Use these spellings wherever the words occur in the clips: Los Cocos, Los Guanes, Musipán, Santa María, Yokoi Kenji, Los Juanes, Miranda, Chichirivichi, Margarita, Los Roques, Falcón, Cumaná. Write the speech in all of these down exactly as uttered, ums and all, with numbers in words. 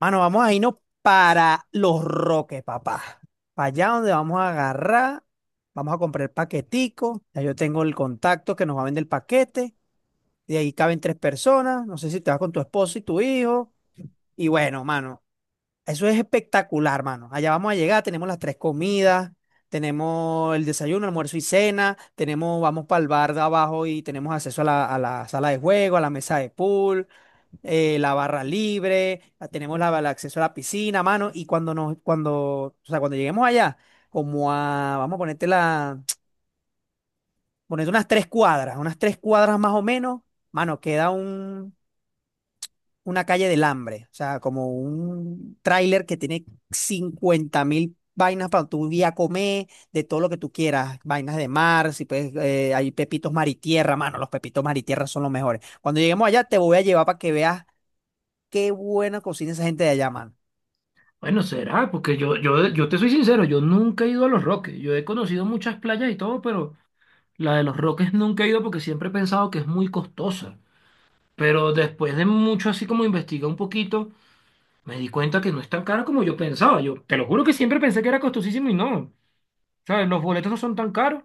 Mano, vamos a irnos para Los Roques, papá. Para allá donde vamos a agarrar, vamos a comprar el paquetico. Ya yo tengo el contacto que nos va a vender el paquete. De ahí caben tres personas. No sé si te vas con tu esposo y tu hijo. Y bueno, mano, eso es espectacular, mano. Allá vamos a llegar, tenemos las tres comidas, tenemos el desayuno, almuerzo y cena, tenemos, vamos para el bar de abajo y tenemos acceso a la, a la sala de juego, a la mesa de pool, eh, la barra libre, la- tenemos la- el acceso a la piscina, mano, y cuando nos, cuando, o sea, cuando lleguemos allá, como a, vamos a ponerte la, ponerte unas tres cuadras, unas tres cuadras más o menos, mano, queda un, una calle del hambre, o sea, como un tráiler que tiene cincuenta mil vainas para tu día comer, de todo lo que tú quieras, vainas de mar, si puedes, eh, hay pepitos mar y tierra, mano, los pepitos mar y tierra son los mejores. Cuando lleguemos allá te voy a llevar para que veas qué buena cocina esa gente de allá, mano. Bueno, será, porque yo, yo, yo te soy sincero, yo nunca he ido a Los Roques. Yo he conocido muchas playas y todo, pero la de Los Roques nunca he ido porque siempre he pensado que es muy costosa. Pero después de mucho así como investigar un poquito, me di cuenta que no es tan cara como yo pensaba. Yo te lo juro que siempre pensé que era costosísimo y no. ¿Sabes? Los boletos no son tan caros.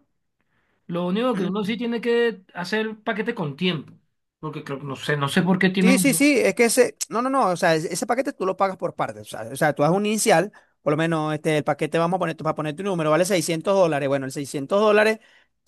Lo único que uno Ujú. sí tiene que hacer paquete con tiempo. Porque creo, no sé, no sé por qué Sí, tienen sí, sí, es que ese, no, no, no, o sea, ese ese paquete tú lo pagas por partes. O sea, o sea, tú haces un inicial, por lo menos este, el paquete vamos a poner, tú vas a poner tu número, vale seiscientos dólares, bueno, el seiscientos dólares.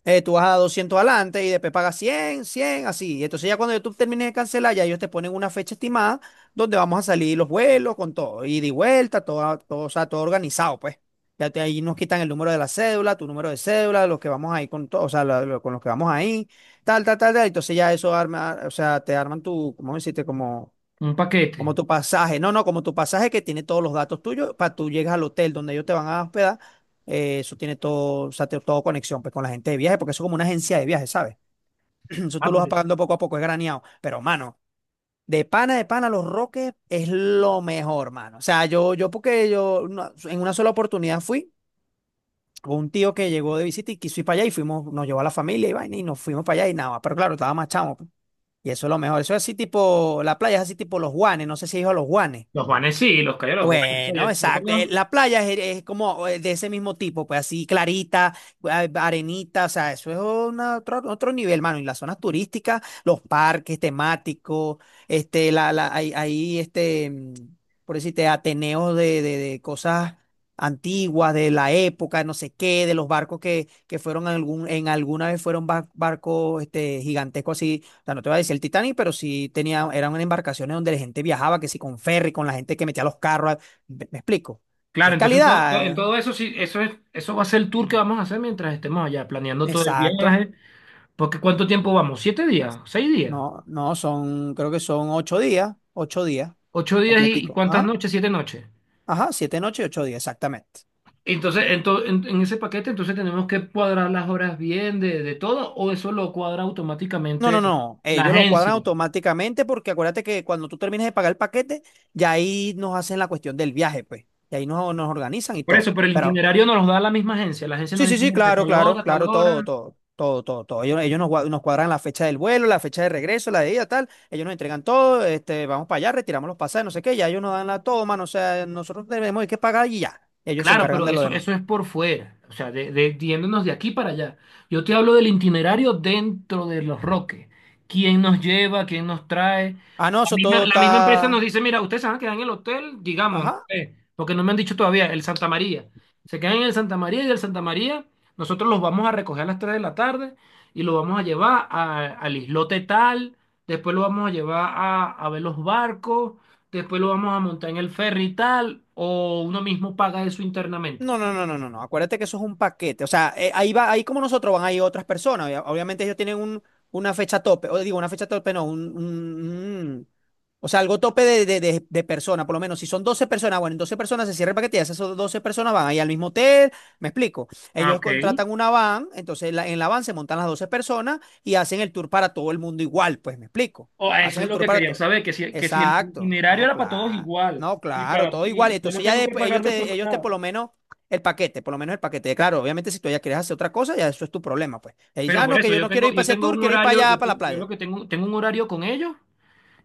Eh, tú vas a doscientos adelante y después pagas cien cien así. Y entonces ya cuando YouTube termine de cancelar, ya ellos te ponen una fecha estimada donde vamos a salir los vuelos con todo, ida y vuelta, todo, todo, o sea, todo organizado, pues. Ya te, ahí nos quitan el número de la cédula, tu número de cédula, los que vamos ahí con todo, o sea, la- lo- con los que vamos ahí, tal, tal, tal, tal. Entonces ya eso arma, o sea, te arman tu, ¿cómo decirte? Como un paquete. como tu pasaje, no, no, como tu pasaje que tiene todos los datos tuyos, para tú llegas al hotel donde ellos te van a hospedar. Eh, eso tiene todo, o sea, te- todo conexión pues, con la gente de viaje, porque eso es como una agencia de viaje, ¿sabes? Eso Ah, tú lo vas pero pagando poco a poco, es graneado. Pero, mano, de pana, de pana, Los Roques es lo mejor, mano. O sea, yo, yo porque yo no- en una sola oportunidad fui, hubo un tío que llegó de visita y quiso ir para allá y fuimos, nos llevó a la familia y vaina y nos fuimos para allá y nada, pero claro, estaba más chamo, pues. Y eso es lo mejor, eso es así tipo, la playa es así tipo Los Guanes, no sé si has ido a Los Guanes. Los Juanes sí, los callos de los Juanes. O sea, Bueno, yo- yo exacto. Eh, conozco. La playa es, es como eh, de ese mismo tipo, pues así clarita, a- arenita, o sea, eso es una- otro, otro nivel, mano. Y las zonas turísticas, los parques temáticos, este, la, la, hay, hay, este, mm, por decirte, ateneos de, de, de cosas antiguas, de la época, no sé qué, de los barcos que, que fueron algún, en alguna vez fueron bar- barcos, este, gigantescos. O sea, no te voy a decir el Titanic, pero sí tenía, eran embarcaciones donde la gente viajaba, que sí con ferry, con la gente que metía los carros. ¿Me, me explico? Claro, Es entonces en todo, en calidad. todo eso sí, eso es, eso va a ser el tour eh, que vamos a hacer mientras estemos allá, planeando todo el Exacto. viaje. Porque ¿cuánto tiempo vamos? ¿Siete días? ¿Seis días? No, no, son, creo que son ocho días, ocho días, ¿Ocho días y, y completico. cuántas Ajá, noches? ¿Siete noches? ajá, siete noches y ocho días, exactamente. Entonces, en, to- en- en ese paquete, entonces tenemos que cuadrar las horas bien de, de, todo, o eso lo cuadra No, automáticamente no, no, la ellos lo agencia. cuadran automáticamente porque acuérdate que cuando tú termines de pagar el paquete, ya ahí nos hacen la cuestión del viaje, pues. Y ahí nos, nos organizan y Por todo. eso, pero el Pero itinerario nos lo da la misma agencia. La agencia nos sí, sí, dice: sí, "Mira, de claro, tal claro, hora, tal claro, todo, hora". todo, todo, todo, todo. Ellos, ellos nos, gua- nos cuadran la fecha del vuelo, la fecha de regreso, la de ida, tal. Ellos nos entregan todo, este, vamos para allá, retiramos los pasajes, no sé qué, ya ellos nos dan la toma, no sé, nosotros tenemos que pagar y ya. Ellos se Claro, encargan pero de lo eso, demás. eso es por fuera, o sea, de, de, yéndonos de aquí para allá. Yo te hablo del itinerario dentro de Los Roques. ¿Quién nos lleva? ¿Quién nos trae? Ah, no, La eso misma, todo la misma empresa nos está. dice, mira, ustedes se van a quedar en el hotel, digamos, no Ajá. sé, porque no me han dicho todavía, el Santa María. Se quedan en el Santa María y del Santa María nosotros los vamos a recoger a las tres de la tarde y los vamos a llevar a- al islote tal, después los vamos a llevar a, a ver los barcos, después lo vamos a montar en el ferry y tal, o uno mismo paga eso internamente. No, no, no, no, no, no. Acuérdate que eso es un paquete. O sea, eh, ahí va, ahí como nosotros van, ahí otras personas. Obvia- Obviamente ellos tienen un, una fecha tope. O digo, una fecha tope, no, un, un- un- o sea, algo tope de, de, de, de persona, por lo menos. Si son doce personas, bueno, en doce personas se cierra el paquete y esas son doce personas van ahí al mismo hotel. ¿Me explico? Ah, Ellos ok. contratan una van, entonces la- en la van se montan las doce personas y hacen el tour para todo el mundo igual, pues, ¿me explico? O eso Hacen es el lo tour que para quería todo. saber, que si, que si el Exacto. itinerario No, era para todos claro. igual No, y, claro, para, todo igual. y y yo no Entonces ya tengo que después pagar ellos después te, más ellos te nada. por lo menos el paquete, por lo menos el paquete. Claro, obviamente si tú ya quieres hacer otra cosa, ya eso es tu problema, pues. Y dice, Pero ah, por no, que eso yo yo no quiero tengo, ir para yo ese tengo tour, un quiero ir para horario, yo, allá, para la tengo, yo lo playa. que tengo, tengo un horario con ellos,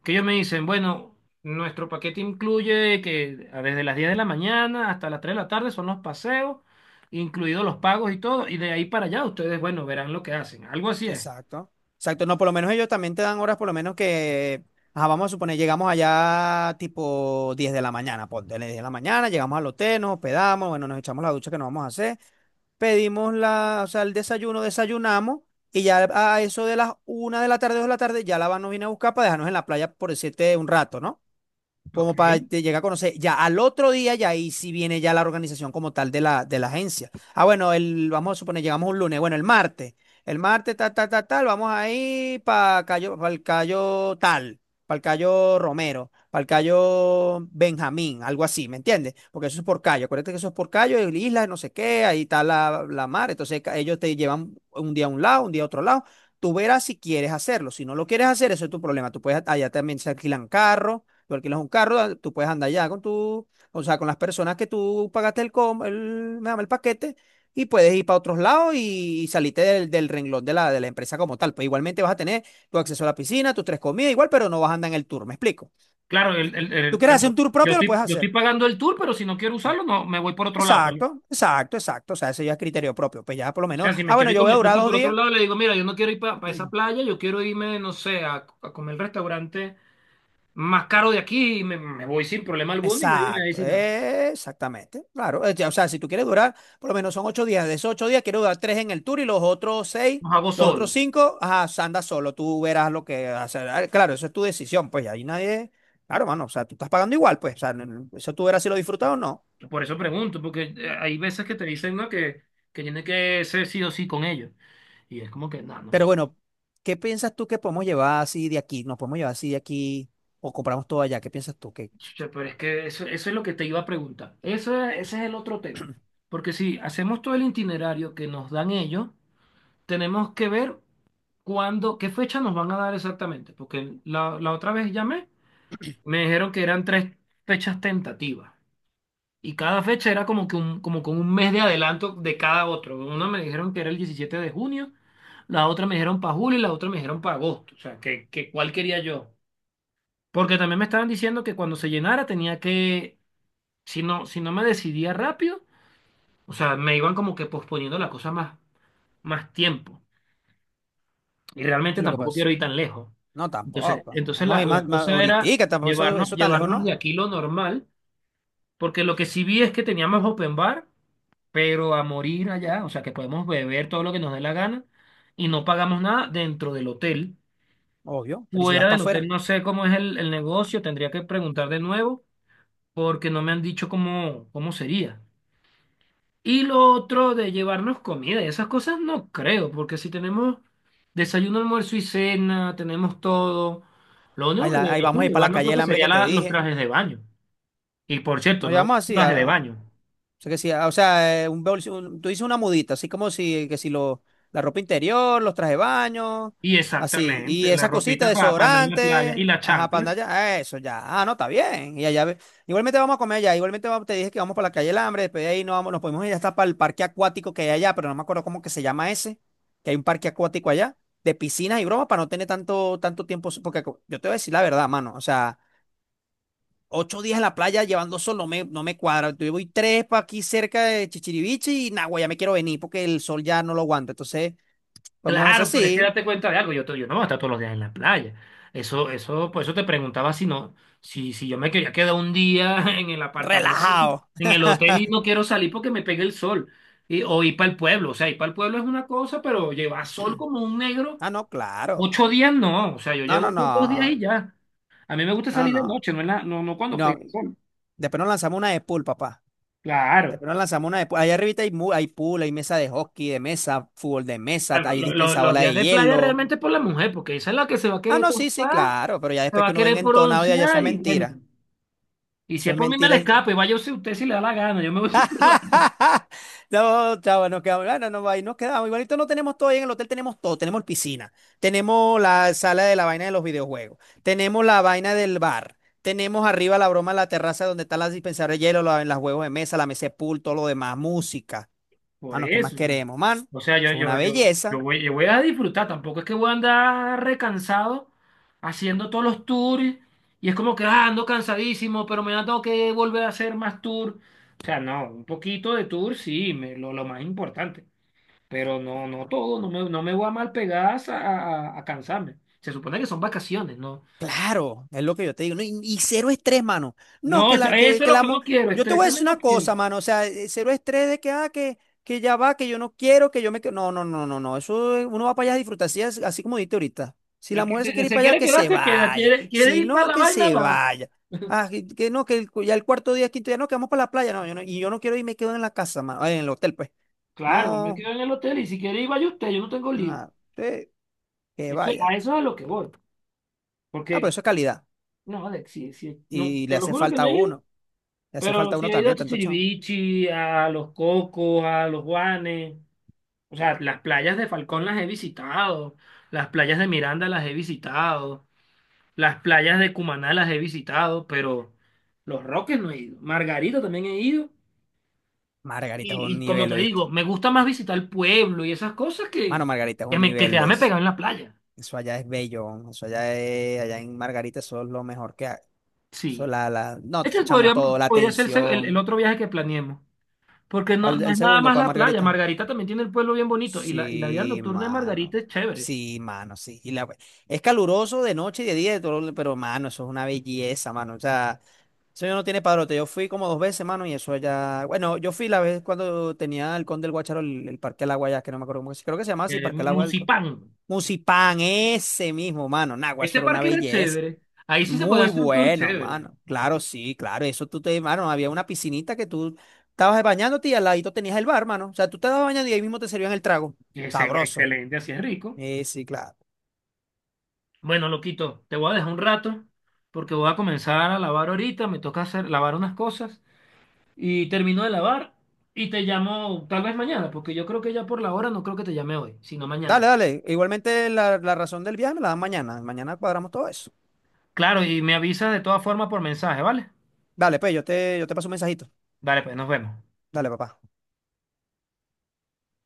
que ellos me dicen, bueno, nuestro paquete incluye que a- desde las diez de la mañana hasta las tres de la tarde son los paseos, incluidos los pagos y todo, y de ahí para allá ustedes, bueno, verán lo que hacen. Algo así es. Exacto. Exacto. No, por lo menos ellos también te dan horas, por lo menos que, ajá, vamos a suponer, llegamos allá tipo diez de la mañana, ponte, diez de la mañana, llegamos al hotel, nos hospedamos, bueno, nos echamos la ducha que nos vamos a hacer, pedimos la, o sea, el desayuno, desayunamos. Y ya a eso de las una de la tarde, dos de la tarde, ya la van nos viene a buscar para dejarnos en la playa por decirte un rato, ¿no? Ok. Como para te llegar a conocer. Ya al otro día, ya ahí sí viene ya la organización como tal de la, de la agencia. Ah, bueno, el, vamos a suponer, llegamos un lunes, bueno, el martes. El martes, tal, tal, tal, tal, vamos ahí para Cayo, para el Cayo tal, para el Cayo Romero, para el Cayo Benjamín, algo así, ¿me entiendes? Porque eso es por Cayo, acuérdate que eso es por Cayo, el isla, no sé qué, ahí está la, la mar. Entonces ca- ellos te llevan un día a un lado, un día a otro lado. Tú verás si quieres hacerlo. Si no lo quieres hacer, eso es tu problema. Tú puedes, allá también se alquilan carros. Tú alquilas un carro, ah, tú puedes andar ya con tu, o sea, con las personas que tú pagaste el, com- el, me llama el paquete y puedes ir para otros lados y, y salirte del, del renglón de la, de la empresa como tal. Pues igualmente vas a tener tu acceso a la piscina, tus tres comidas, igual, pero no vas a andar en el tour. ¿Me explico? Claro, el, el- ¿Tú el- quieres pero hacer un tour yo propio? Lo estoy, puedes yo estoy hacer. pagando el tour, pero si no quiero usarlo, no, me voy por otro lado, pues. Exacto, exacto, exacto. O sea, ese ya es criterio propio. Pues ya por lo O menos, sea, si me ah, quiero bueno, ir yo con voy mi a durar esposa dos por otro días. lado, le digo, mira, yo no quiero ir para esa playa, yo quiero irme, no sé, a, a comer el restaurante más caro de aquí y me, me voy sin problema alguno y nadie me Exacto, dice nada. eh, exactamente, claro. eh, ya, O sea, si tú quieres durar, por lo menos son ocho días. De esos ocho días, quiero durar tres en el tour y los otros seis, Los hago los otros solo. cinco, ajá, anda solo, tú verás lo que hacer. Ah, claro, eso es tu decisión, pues y ahí nadie. Claro, mano, o sea, tú estás pagando igual, pues, o sea, n- eso tú verás si lo disfrutas o no. Por eso pregunto, porque eh, hay veces que te dicen, ¿no? que, que tiene que ser sí o sí con ellos. Y es como que, no, Pero no. bueno, ¿qué piensas tú que podemos llevar así de aquí? ¿Nos podemos llevar así de aquí o compramos todo allá? ¿Qué piensas tú? ¿Qué, Chucha, pero es que eso, eso es lo que te iba a preguntar. Eso, ese es el otro tema. sí, Porque si hacemos todo el itinerario que nos dan ellos, tenemos que ver cuándo, qué fecha nos van a dar exactamente. Porque la, la otra vez llamé, me dijeron que eran tres fechas tentativas. Y cada fecha era como que un, como con un mes de adelanto de cada otro. Una me dijeron que era el diecisiete de junio, la otra me dijeron para julio y la otra me dijeron para agosto. O sea, que, que cuál quería yo. Porque también me estaban diciendo que cuando se llenara tenía que. Si no, si no me decidía rápido, o sea, me iban como que posponiendo la cosa más, más tiempo. Y realmente lo que tampoco quiero pasa? ir tan lejos. No, Entonces, tampoco. entonces Vamos a la, ir la más, más cosa era ahoritica, tampoco, eso, llevarnos, eso tan lejos llevarnos de no, aquí lo normal, porque lo que sí vi es que teníamos open bar, pero a morir allá, o sea, que podemos beber todo lo que nos dé la gana y no pagamos nada dentro del hotel. obvio, pero ¿y si vas Fuera para del hotel afuera? no sé cómo es el, el negocio, tendría que preguntar de nuevo, porque no me han dicho cómo, cómo sería. Y lo otro de llevarnos comida y esas cosas no creo, porque si tenemos desayuno, almuerzo y cena, tenemos todo. Lo Ahí, único que la- ahí vamos deberíamos a ir para la llevarnos calle creo del que hambre sería que te la- los dije. trajes de baño. Y por cierto, Nos no llevamos un así, traje de a- baño. o sea, que sí, a- o sea, eh, un, bolso- un- tú dices una mudita, así como si, que si lo, la ropa interior, los trajes de baño, Y así. Y exactamente, la esas cositas, ropita para andar en la playa desodorante, y las ajá, para chanclas. andar allá, eso ya, ah, no, está bien. Y allá, ve- igualmente vamos a comer allá, igualmente vamos- te dije que vamos para la calle del hambre, después de ahí nos, vamos, nos podemos ir hasta para el parque acuático que hay allá, pero no me acuerdo cómo que se llama ese, que hay un parque acuático allá, de piscinas y bromas, para no tener tanto, tanto tiempo, porque co- yo te voy a decir la verdad, mano, o sea. Ocho días en la playa llevando sol no me, no me cuadra. Yo voy tres para aquí cerca de Chichiriviche y Nagua, ya me quiero venir porque el sol ya no lo aguanta. Entonces, podemos hacer Claro, pero es que así, date cuenta de algo, yo, to- yo no voy a estar todos los días en la playa. Eso, eso, por eso te preguntaba si no, si, si yo me quería quedar un día en el apartamento, sí, relajado. en el hotel y no quiero salir porque me pegue el sol. Y, o ir para el pueblo. O sea, ir para el pueblo es una cosa, pero llevar sol como un negro, Ah, no, claro. ocho días no. O sea, yo No, llevo no, sol dos días no. y ya. A mí me gusta No, salir de no. noche, no, en la- no, no cuando No, pega el sol. después nos lanzamos una de pool, papá. Claro. Después nos lanzamos una de pool. Allá arriba hay, mu- hay pool, hay mesa de hockey, de mesa, fútbol de mesa, Claro, hay lo- lo- los dispensadora días de de playa hielo. realmente es por la mujer, porque esa es la que se va a Ah, querer no, sí, sí, tostar, claro, pero ya se después va a que uno querer venga entonado, ya, ya eso es broncear y bueno. mentira. Y si Eso es es por mí, me le mentira. escapo y vaya usted usted si le da la gana. Yo me voy por otro lado. No, chava, nos quedamos, bueno, no, no, ahí nos quedamos. Igualito no tenemos todo ahí en el hotel, tenemos todo, tenemos piscina, tenemos la sala de la vaina de los videojuegos, tenemos la vaina del bar, tenemos arriba la broma, la terraza donde están las dispensadoras de hielo, la- los juegos de mesa, la mesa de pool, todo lo demás, música. Por Mano, ¿qué más eso, sí. queremos, man? O sea, Eso yo, es una yo, yo, yo belleza. voy, yo voy a disfrutar. Tampoco es que voy a andar recansado haciendo todos los tours. Y es como que ah, ando cansadísimo, pero me tengo que volver a hacer más tours. O sea, no, un poquito de tour sí, me- lo, lo más importante. Pero no, no todo, no me, no me voy a mal pegar a, a- a cansarme. Se supone que son vacaciones, ¿no? Claro, es lo que yo te digo, ¿no? Y, y cero estrés, mano. No, No, que eso, la, que, eso es que lo la que mo- no quiero, yo te voy a estresarme decir una no quiero. cosa, mano. O sea, eh, cero estrés de que, ah, que, que ya va, que yo no quiero, que yo me, que- no, no, no, no, no. Eso eh, uno va para allá a disfrutar, así, as- así como dijiste ahorita. Si El la que mujer se se, quiere ir se para allá, quiere que quedar, se se queda. vaya. Quiere, quiere Si ir para no, la que vaina, se va. vaya. Ah, que, que no, que el cu- ya el cuarto día, quinto día, no, que vamos para la playa. No, yo no, y yo no quiero ir, me quedo en la casa, mano. ah, En el hotel, pues. Claro, yo me No, quedo en el hotel y si quiere ir, vaya usted, yo no tengo lío. nada. Que Eso, a vaya. eso es a lo que voy. Ah, pero Porque, eso es calidad. no, Alex, sí, sí, no, Y le te lo hace juro que falta no a he ido, uno. Le hace pero falta a sí uno he ido a también, tanto chao. Chichirivichi, a Los Cocos, a Los Guanes. O sea, las playas de Falcón las he visitado, las playas de Miranda las he visitado, las playas de Cumaná las he visitado, pero Los Roques no he ido. Margarita también he ido. Margarita es Y, un y como nivel, te digo, ¿oíste? me gusta más visitar el pueblo y esas cosas que, Mano, Margarita es que, un me, que nivel, quedarme es- pegado en la playa. eso allá es bello, eso allá es- allá en Margarita eso es lo mejor que hay. Eso Sí. la, la, no, t- Este chamo, podría, todo, la podría ser el, el atención. otro viaje que planeemos. Porque no, ¿Cuál- no el es nada segundo más para la playa. Margarita? Margarita también tiene el pueblo bien bonito. Y la, y la vida Sí, nocturna de mano, Margarita es chévere. sí, mano, sí. Y la, es caluroso de noche y de día, de todo, pero, mano, eso es una belleza, mano, o sea, eso ya no tiene padrote. Yo fui como dos veces, mano, y eso allá, bueno, yo fui la vez cuando tenía el Conde del Guacharo, el, el Parque del Agua allá, que no me acuerdo cómo se, creo que se llamaba así, Eh, Parque del Agua, Musipán. Musipan, ese mismo, mano. Nagua, Ese eso era una parque era belleza. chévere. Ahí sí se podía Muy hacer un tour bueno, chévere. mano. Claro, sí, claro. Eso tú te, mano, había una piscinita que tú estabas bañándote y al ladito tenías el bar, mano. O sea, tú te estabas bañando y ahí mismo te servían el trago. Ese, Sabroso. excelente, así es rico. Sí, sí, claro. Bueno, loquito, te voy a dejar un rato porque voy a comenzar a lavar ahorita. Me toca hacer, lavar unas cosas. Y termino de lavar y te llamo tal vez mañana, porque yo creo que ya por la hora no creo que te llame hoy, sino mañana. Dale, dale. Igualmente la, la razón del viaje me la dan mañana. Mañana cuadramos todo eso. Claro, y me avisas de todas formas por mensaje, ¿vale? Dale, pues, yo te, yo te paso un mensajito. Dale, pues nos vemos. Dale, papá.